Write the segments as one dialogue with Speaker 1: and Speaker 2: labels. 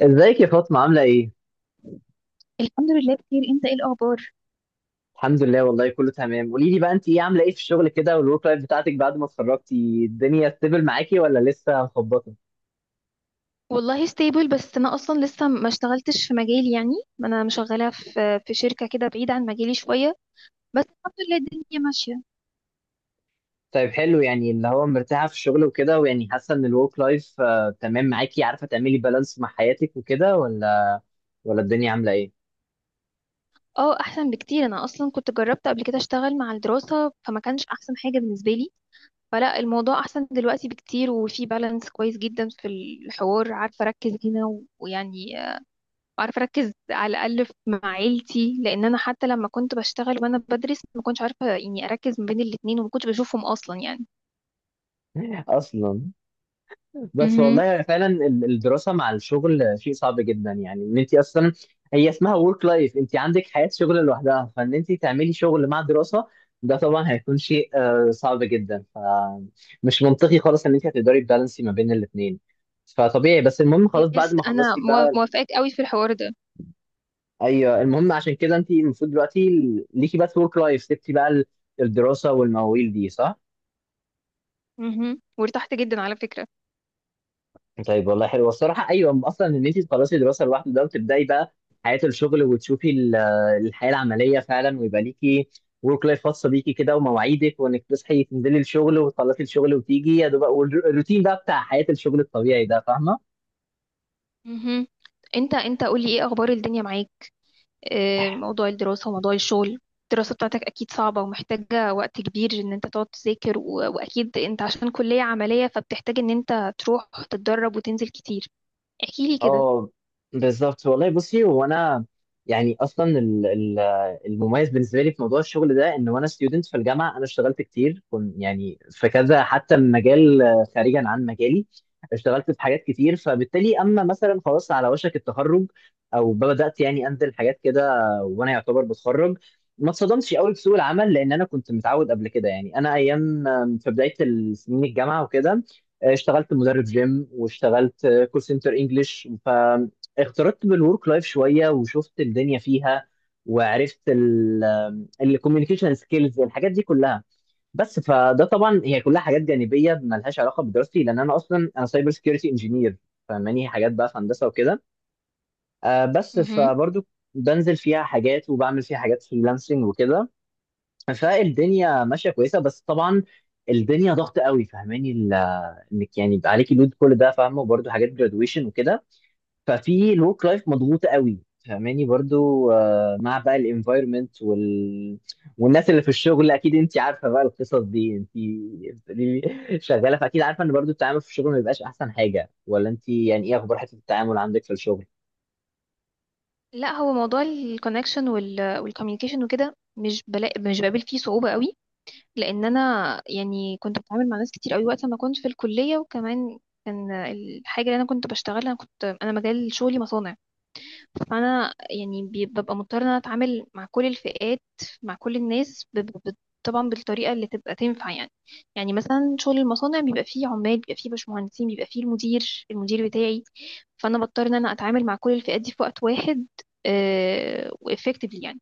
Speaker 1: ازيك يا فاطمة عاملة ايه؟
Speaker 2: الحمد لله بخير. انت ايه الاخبار؟
Speaker 1: الحمد لله والله كله تمام. قولي لي بقى، انت ايه عاملة ايه في الشغل كده، والورك لايف بتاعتك بعد ما اتخرجتي الدنيا ستيبل معاكي ولا لسه مخبطة؟
Speaker 2: والله ستيبل، بس انا اصلا لسه ما اشتغلتش في مجالي يعني. انا مشغله في شركه كده بعيده عن مجالي شويه، بس الحمد لله الدنيا ماشيه.
Speaker 1: طيب حلو، يعني اللي هو مرتاحة في الشغل وكده ويعني حاسة ان الورك لايف تمام معاكي، عارفة تعملي بالانس مع حياتك وكده، ولا الدنيا عاملة ايه؟
Speaker 2: اه، احسن بكتير. انا اصلا كنت جربت قبل كده اشتغل مع الدراسه، فما كانش احسن حاجه بالنسبه لي. فلا، الموضوع احسن دلوقتي بكتير، وفي بالانس كويس جدا في الحوار. عارفه اركز هنا و- ويعني عارفه اركز على الاقل مع عيلتي، لان انا حتى لما كنت بشتغل وانا بدرس ما كنتش عارفه يعني اركز ما بين الاتنين، وما كنتش بشوفهم اصلا يعني.
Speaker 1: اصلا. بس والله
Speaker 2: مهم.
Speaker 1: يعني فعلا الدراسه مع الشغل شيء صعب جدا، يعني ان انت اصلا هي اسمها ورك لايف، انت عندك حياه شغل لوحدها، فان انت تعملي شغل مع دراسه ده طبعا هيكون شيء صعب جدا. فمش منطقي خالص ان انت هتقدري تبالانسي ما بين الاثنين، فطبيعي. بس المهم خلاص بعد
Speaker 2: يس،
Speaker 1: ما
Speaker 2: انا
Speaker 1: خلصتي بقى،
Speaker 2: موافقاك قوي في الحوار ده.
Speaker 1: ايوه المهم، عشان كده انت المفروض دلوقتي ليكي بس ورك لايف، سبتي بقى الدراسه والمواويل دي، صح؟
Speaker 2: مهم. وارتحت جدا على فكرة.
Speaker 1: طيب والله حلو، والصراحة أيوة أصلا إن أنت تخلصي دراسة لوحده ده وتبدأي بقى حياة الشغل وتشوفي الحياة العملية فعلا، ويبقى ليكي ورك لايف خاصة بيكي كده، ومواعيدك، وإنك تصحي تنزلي الشغل وتخلصي الشغل وتيجي يا دوب الروتين بقى بتاع حياة الشغل الطبيعي ده، فاهمة؟
Speaker 2: مهم. انت قولي ايه اخبار الدنيا معاك. موضوع الدراسة وموضوع الشغل، الدراسة بتاعتك اكيد صعبة ومحتاجة وقت كبير ان انت تقعد تذاكر، واكيد انت عشان كلية عملية فبتحتاج ان انت تروح تتدرب وتنزل كتير. احكيلي كده.
Speaker 1: اه بالظبط والله. بصي، هو انا يعني اصلا المميز بالنسبه لي في موضوع الشغل ده ان وانا ستودنت في الجامعه انا اشتغلت كتير، كنت يعني في كذا حتى مجال خارجا عن مجالي. اشتغلت في حاجات كتير، فبالتالي اما مثلا خلاص على وشك التخرج او بدات يعني انزل حاجات كده وانا يعتبر بتخرج، ما اتصدمتش قوي بسوق العمل، لان انا كنت متعود قبل كده. يعني انا ايام في بدايه سنين الجامعه وكده اشتغلت مدرب جيم، واشتغلت كول سنتر انجلش، فاختلطت بالورك لايف شويه وشفت الدنيا فيها، وعرفت الكوميونيكيشن سكيلز الحاجات دي كلها. بس فده طبعا هي كلها حاجات جانبيه ملهاش علاقه بدراستي، لان انا اصلا انا سايبر سكيورتي انجينير، فماني حاجات بقى في هندسه وكده بس
Speaker 2: مهم.
Speaker 1: فبرضو بنزل فيها حاجات وبعمل فيها حاجات فريلانسنج وكده. فالدنيا ماشيه كويسه، بس طبعا الدنيا ضغط قوي، فاهماني انك يعني يبقى عليكي لود كل ده، فاهمه، وبرضه حاجات جرادويشن وكده، ففي الورك لايف مضغوطه قوي، فاهماني. برضو مع بقى الانفايرمنت والناس اللي في الشغل، اكيد انت عارفه بقى القصص دي، انت بتقولي لي شغاله فاكيد عارفه ان برضو التعامل في الشغل ما بيبقاش احسن حاجه، ولا انت يعني ايه اخبار حته التعامل عندك في الشغل؟
Speaker 2: لا، هو موضوع الكونكشن والكوميونيكيشن وكده مش مش بقابل فيه صعوبة قوي، لان انا يعني كنت بتعامل مع ناس كتير قوي وقت ما كنت في الكليه. وكمان كان الحاجه اللي انا كنت بشتغلها، انا مجال شغلي مصانع، فانا يعني ببقى مضطره ان انا اتعامل مع كل الفئات، مع كل الناس طبعا بالطريقه اللي تبقى تنفع يعني. يعني مثلا شغل المصانع بيبقى فيه عمال، بيبقى فيه باشمهندسين، بيبقى فيه المدير بتاعي، فانا بضطر ان انا اتعامل مع كل الفئات دي في وقت واحد وافكتفلي يعني.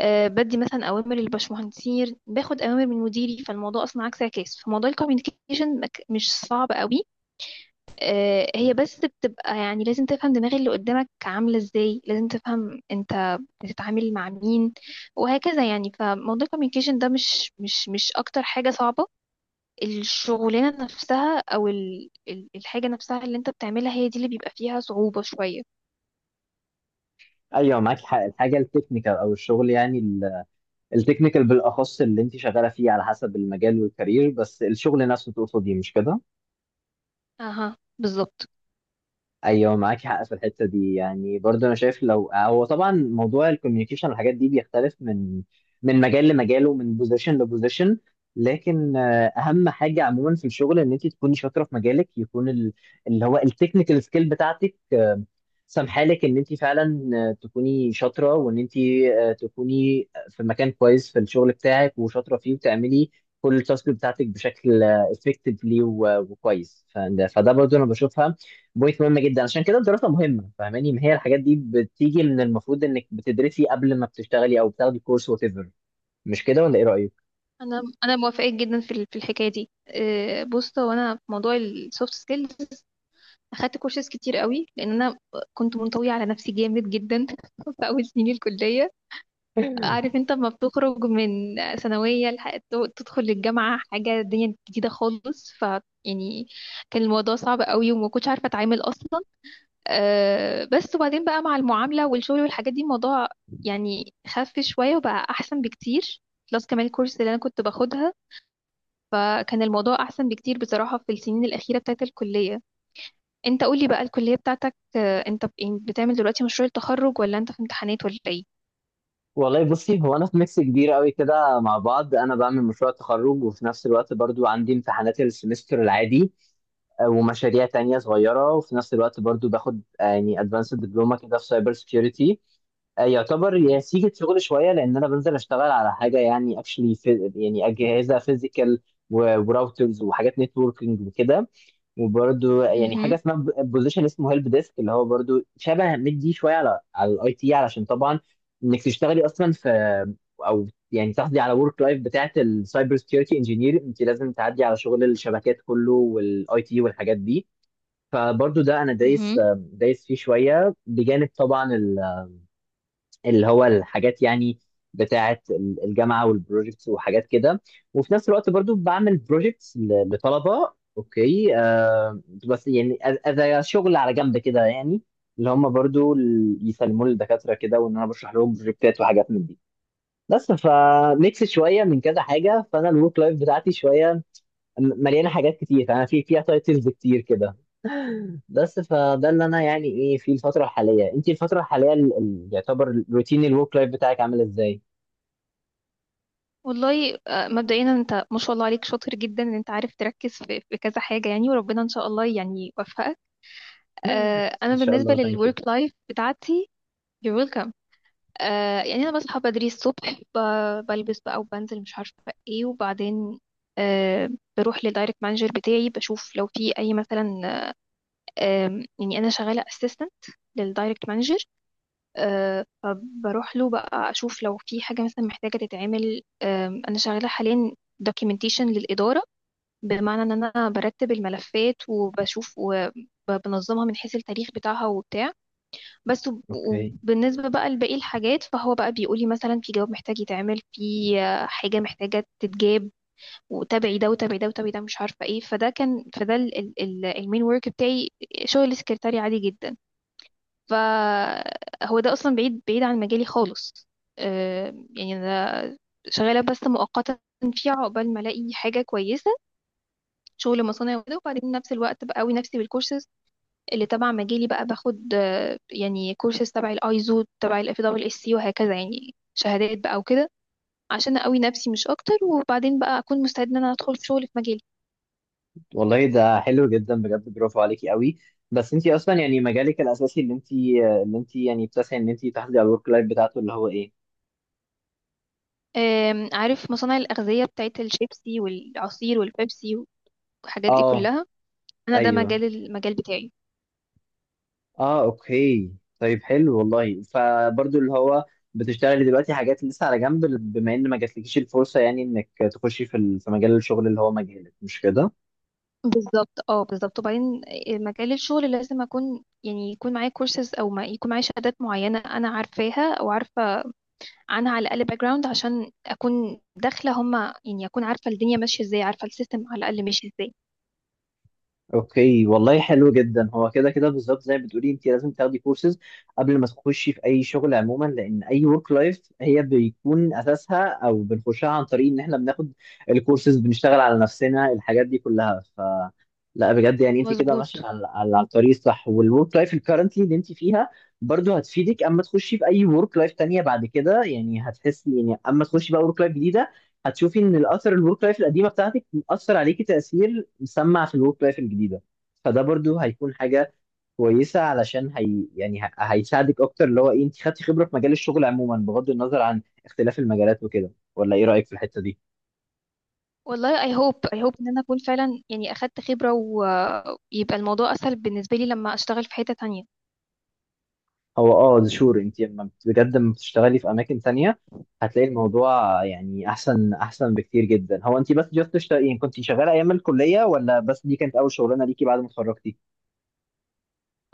Speaker 2: بدي مثلا اوامر للبشمهندسين، باخد اوامر من مديري، فالموضوع اصلا عكس عكاس. فموضوع الكوميونيكيشن مش صعب قوي. هي بس بتبقى يعني لازم تفهم دماغ اللي قدامك عامله ازاي، لازم تفهم انت بتتعامل مع مين وهكذا يعني. فموضوع الكوميونيكيشن ده مش اكتر حاجه صعبه. الشغلانه نفسها او الحاجه نفسها اللي انت بتعملها هي دي اللي بيبقى فيها صعوبه شويه.
Speaker 1: ايوه معاكي حق، الحاجه التكنيكال او الشغل، يعني التكنيكال بالاخص اللي انت شغاله فيه على حسب المجال والكارير، بس الشغل نفسه تقصدي، مش كده؟
Speaker 2: اها، بالظبط.
Speaker 1: ايوه معاك حق في الحته دي. يعني برضه انا شايف، لو هو طبعا موضوع الكوميونيكيشن والحاجات دي بيختلف من مجال لمجال ومن بوزيشن لبوزيشن، لكن اهم حاجه عموما في الشغل ان انت تكوني شاطره في مجالك، يكون اللي هو التكنيكال سكيل بتاعتك سامحالك ان انت فعلا تكوني شاطره، وان انت تكوني في مكان كويس في الشغل بتاعك وشاطره فيه، وتعملي كل التاسك بتاعتك بشكل افكتفلي وكويس. فده برضه انا بشوفها بوينت مهم جدا. عشان كده الدراسه مهمه، فاهماني؟ ما هي الحاجات دي بتيجي من المفروض انك بتدرسي قبل ما بتشتغلي، او بتاخدي كورس وات ايفر، مش كده ولا ايه رايك؟
Speaker 2: انا موافقه جدا في في الحكايه دي. بص، هو انا في موضوع السوفت سكيلز اخدت كورسات كتير قوي، لان انا كنت منطويه على نفسي جامد جدا في اول سنين الكليه. عارف انت لما بتخرج من ثانويه تدخل الجامعه حاجه الدنيا جديده خالص، ف يعني كان الموضوع صعب قوي وما كنتش عارفه اتعامل اصلا. بس وبعدين بقى مع المعامله والشغل والحاجات دي، الموضوع يعني خف شويه وبقى احسن بكتير. بلس كمان الكورس اللي انا كنت باخدها، فكان الموضوع أحسن بكتير بصراحة في السنين الأخيرة بتاعت الكلية. أنت قولي بقى، الكلية بتاعتك، أنت يعني بتعمل دلوقتي مشروع التخرج، ولا أنت في امتحانات، ولا إيه؟
Speaker 1: والله بصي، هو انا في ميكس كبير قوي كده مع بعض. انا بعمل مشروع تخرج، وفي نفس الوقت برضو عندي امتحانات السمستر العادي ومشاريع تانية صغيرة، وفي نفس الوقت برضو باخد يعني ادفانس دبلومة كده في سايبر سيكيورتي، يعتبر يا سيجة شغل شوية، لأن أنا بنزل أشتغل على حاجة يعني اكشلي، يعني أجهزة فيزيكال وراوترز وحاجات نتوركينج وكده، وبرده يعني حاجه
Speaker 2: مهم.
Speaker 1: اسمها بوزيشن اسمه هيلب ديسك، اللي هو برده شبه مدي شويه على الاي تي. علشان طبعا انك تشتغلي اصلا في، او يعني تحصلي على ورك لايف بتاعه السايبر سكيورتي انجينير، انت لازم تعدي على شغل الشبكات كله والاي تي والحاجات دي. فبرضه ده انا دايس
Speaker 2: مهم.
Speaker 1: دايس فيه شويه، بجانب طبعا اللي هو الحاجات يعني بتاعة الجامعة والبروجيكتس وحاجات كده، وفي نفس الوقت برضو بعمل بروجيكتس لطلبة اوكي بس، يعني اذا شغل على جنب كده، يعني اللي هم برضو يسلموا لي الدكاترة كده، وان انا بشرح لهم بروجكتات وحاجات من دي. بس فميكس شوية من كذا حاجة، فانا الورك لايف بتاعتي شوية مليانة حاجات كتير، انا في فيها تايتلز كتير كده. بس فده اللي انا يعني ايه في الفتره الحاليه. انت الفتره الحاليه يعتبر روتين الورك لايف بتاعك عامل ازاي؟
Speaker 2: والله مبدئيا أنت ما شاء الله عليك شاطر جدا إن أنت عارف تركز في كذا حاجة يعني، وربنا إن شاء الله يعني يوفقك.
Speaker 1: ان
Speaker 2: أنا
Speaker 1: شاء
Speaker 2: بالنسبة
Speaker 1: الله، ثانك يو.
Speaker 2: للورك لايف بتاعتي. you're welcome. يعني أنا بصحى بدري الصبح، بلبس بقى وبنزل مش عارفة إيه، وبعدين آه، بروح للدايركت مانجر بتاعي، بشوف لو في أي مثلا. يعني انا شغاله اسيستنت للدايركت مانجر، فبروح له بقى اشوف لو في حاجه مثلا محتاجه تتعمل. انا شغاله حاليا دوكيومنتيشن للاداره، بمعنى ان انا برتب الملفات وبشوف وبنظمها من حيث التاريخ بتاعها وبتاع. بس،
Speaker 1: اوكي،
Speaker 2: وبالنسبه بقى لباقي الحاجات، فهو بقى بيقول لي مثلا في جواب محتاج يتعمل، في حاجه محتاجه تتجاب، وتابعي ده وتابعي ده وتابعي ده مش عارفه ايه. فده المين ورك بتاعي، شغل السكرتاري عادي جدا، فهو ده اصلا بعيد بعيد عن مجالي خالص. يعني انا شغاله بس مؤقتا فيها عقبال ما الاقي حاجه كويسه، شغل مصانع وكده. وبعدين نفس الوقت بقوي نفسي بالكورسز اللي تبع مجالي، بقى باخد يعني كورسز تبع الايزو، تبع الـFWSC، وهكذا يعني شهادات بقى وكده، عشان اقوي نفسي مش اكتر، وبعدين بقى اكون مستعد ان انا ادخل في شغل في مجالي.
Speaker 1: والله ده حلو جدا، بجد برافو عليكي قوي. بس انت اصلا يعني مجالك الاساسي اللي انت يعني بتسعي ان انت تحافظي على الورك لايف بتاعته اللي هو ايه؟
Speaker 2: عارف مصانع الاغذيه بتاعت الشيبسي والعصير والبيبسي والحاجات دي
Speaker 1: اه.
Speaker 2: كلها، انا ده
Speaker 1: ايوه.
Speaker 2: المجال بتاعي.
Speaker 1: اه اوكي. طيب حلو والله، فبرضو اللي هو بتشتغلي دلوقتي حاجات لسه على جنب، بما ان ما جاتلكيش الفرصه يعني انك تخشي في في مجال الشغل اللي هو مجالك، مش كده؟
Speaker 2: بالظبط، اه بالظبط. وبعدين مجال الشغل لازم اكون يعني يكون معايا كورسز، او ما يكون معايا شهادات معينه انا عارفاها او عارفه عنها على الاقل باك جراوند، عشان اكون داخله هما يعني اكون عارفه الدنيا ماشيه ازاي، عارفه السيستم على الاقل ماشي ازاي.
Speaker 1: اوكي، والله حلو جدا. هو كده كده بالظبط زي ما بتقولي، انت لازم تاخدي كورسز قبل ما تخشي في اي شغل عموما، لان اي ورك لايف هي بيكون اساسها او بنخشها عن طريق ان احنا بناخد الكورسز، بنشتغل على نفسنا، الحاجات دي كلها. لا بجد يعني انت كده ماشيه
Speaker 2: مظبوط.
Speaker 1: على الطريق الصح، والورك لايف الكرنتلي اللي انت فيها برضو هتفيدك اما تخشي في اي ورك لايف تانية بعد كده. يعني هتحسي، يعني اما تخشي بقى ورك لايف جديده، هتشوفي ان الاثر الورك لايف القديمه بتاعتك اثر عليكي تاثير مسمع في الورك لايف الجديده، فده برضو هيكون حاجه كويسه، علشان هي يعني هيساعدك اكتر، اللي هو ايه، انت خدتي خبره في مجال الشغل عموما بغض النظر عن اختلاف المجالات وكده، ولا ايه رايك في الحته دي؟
Speaker 2: والله اي هوب اي هوب ان انا اكون فعلا يعني اخدت خبره، ويبقى الموضوع اسهل بالنسبه لي لما اشتغل في حته تانية.
Speaker 1: هو اه شور، انت لما بجد لما بتشتغلي في اماكن تانية هتلاقي الموضوع يعني احسن احسن بكتير جدا. هو انت بس جاست تشتغلي، يعني كنت شغاله ايام الكليه، ولا بس دي كانت اول شغلانه ليكي بعد ما اتخرجتي؟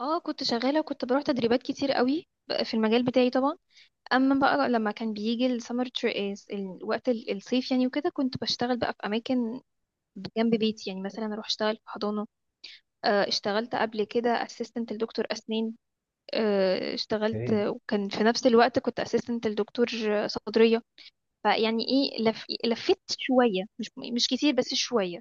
Speaker 2: اه، كنت شغاله وكنت بروح تدريبات كتير قوي في المجال بتاعي طبعا. اما بقى لما كان بيجي السمر، الوقت الصيف يعني وكده، كنت بشتغل بقى في اماكن جنب بيتي، يعني مثلا اروح اشتغل في حضانه. اشتغلت قبل كده اسيستنت لدكتور اسنان. اشتغلت وكان في نفس الوقت كنت اسيستنت لدكتور صدريه، فيعني ايه لفيت شويه، مش كتير بس شويه.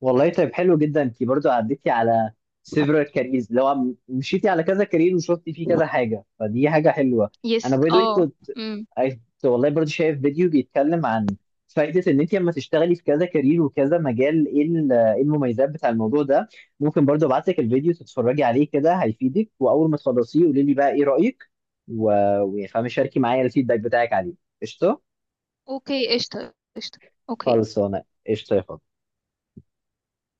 Speaker 1: والله طيب حلو جدا، انت برضو عديتي على several careers، اللي هو مشيتي على كذا كارير وشفتي فيه كذا حاجه، فدي حاجه حلوه. انا
Speaker 2: يس،
Speaker 1: باي ذا
Speaker 2: اه.
Speaker 1: كنت
Speaker 2: امم.
Speaker 1: كنت والله برضو شايف فيديو بيتكلم عن فائده ان انت لما تشتغلي في كذا كارير وكذا مجال، ايه ايه المميزات بتاع الموضوع ده. ممكن برضو ابعت لك الفيديو تتفرجي عليه كده هيفيدك، واول ما تخلصيه قولي لي بقى ايه رايك، و... وفاهمه شاركي معايا الفيدباك بتاعك عليه. قشطه.
Speaker 2: اوكي، قشطه قشطه، اوكي.
Speaker 1: خلصانه. قشطه يا فندم.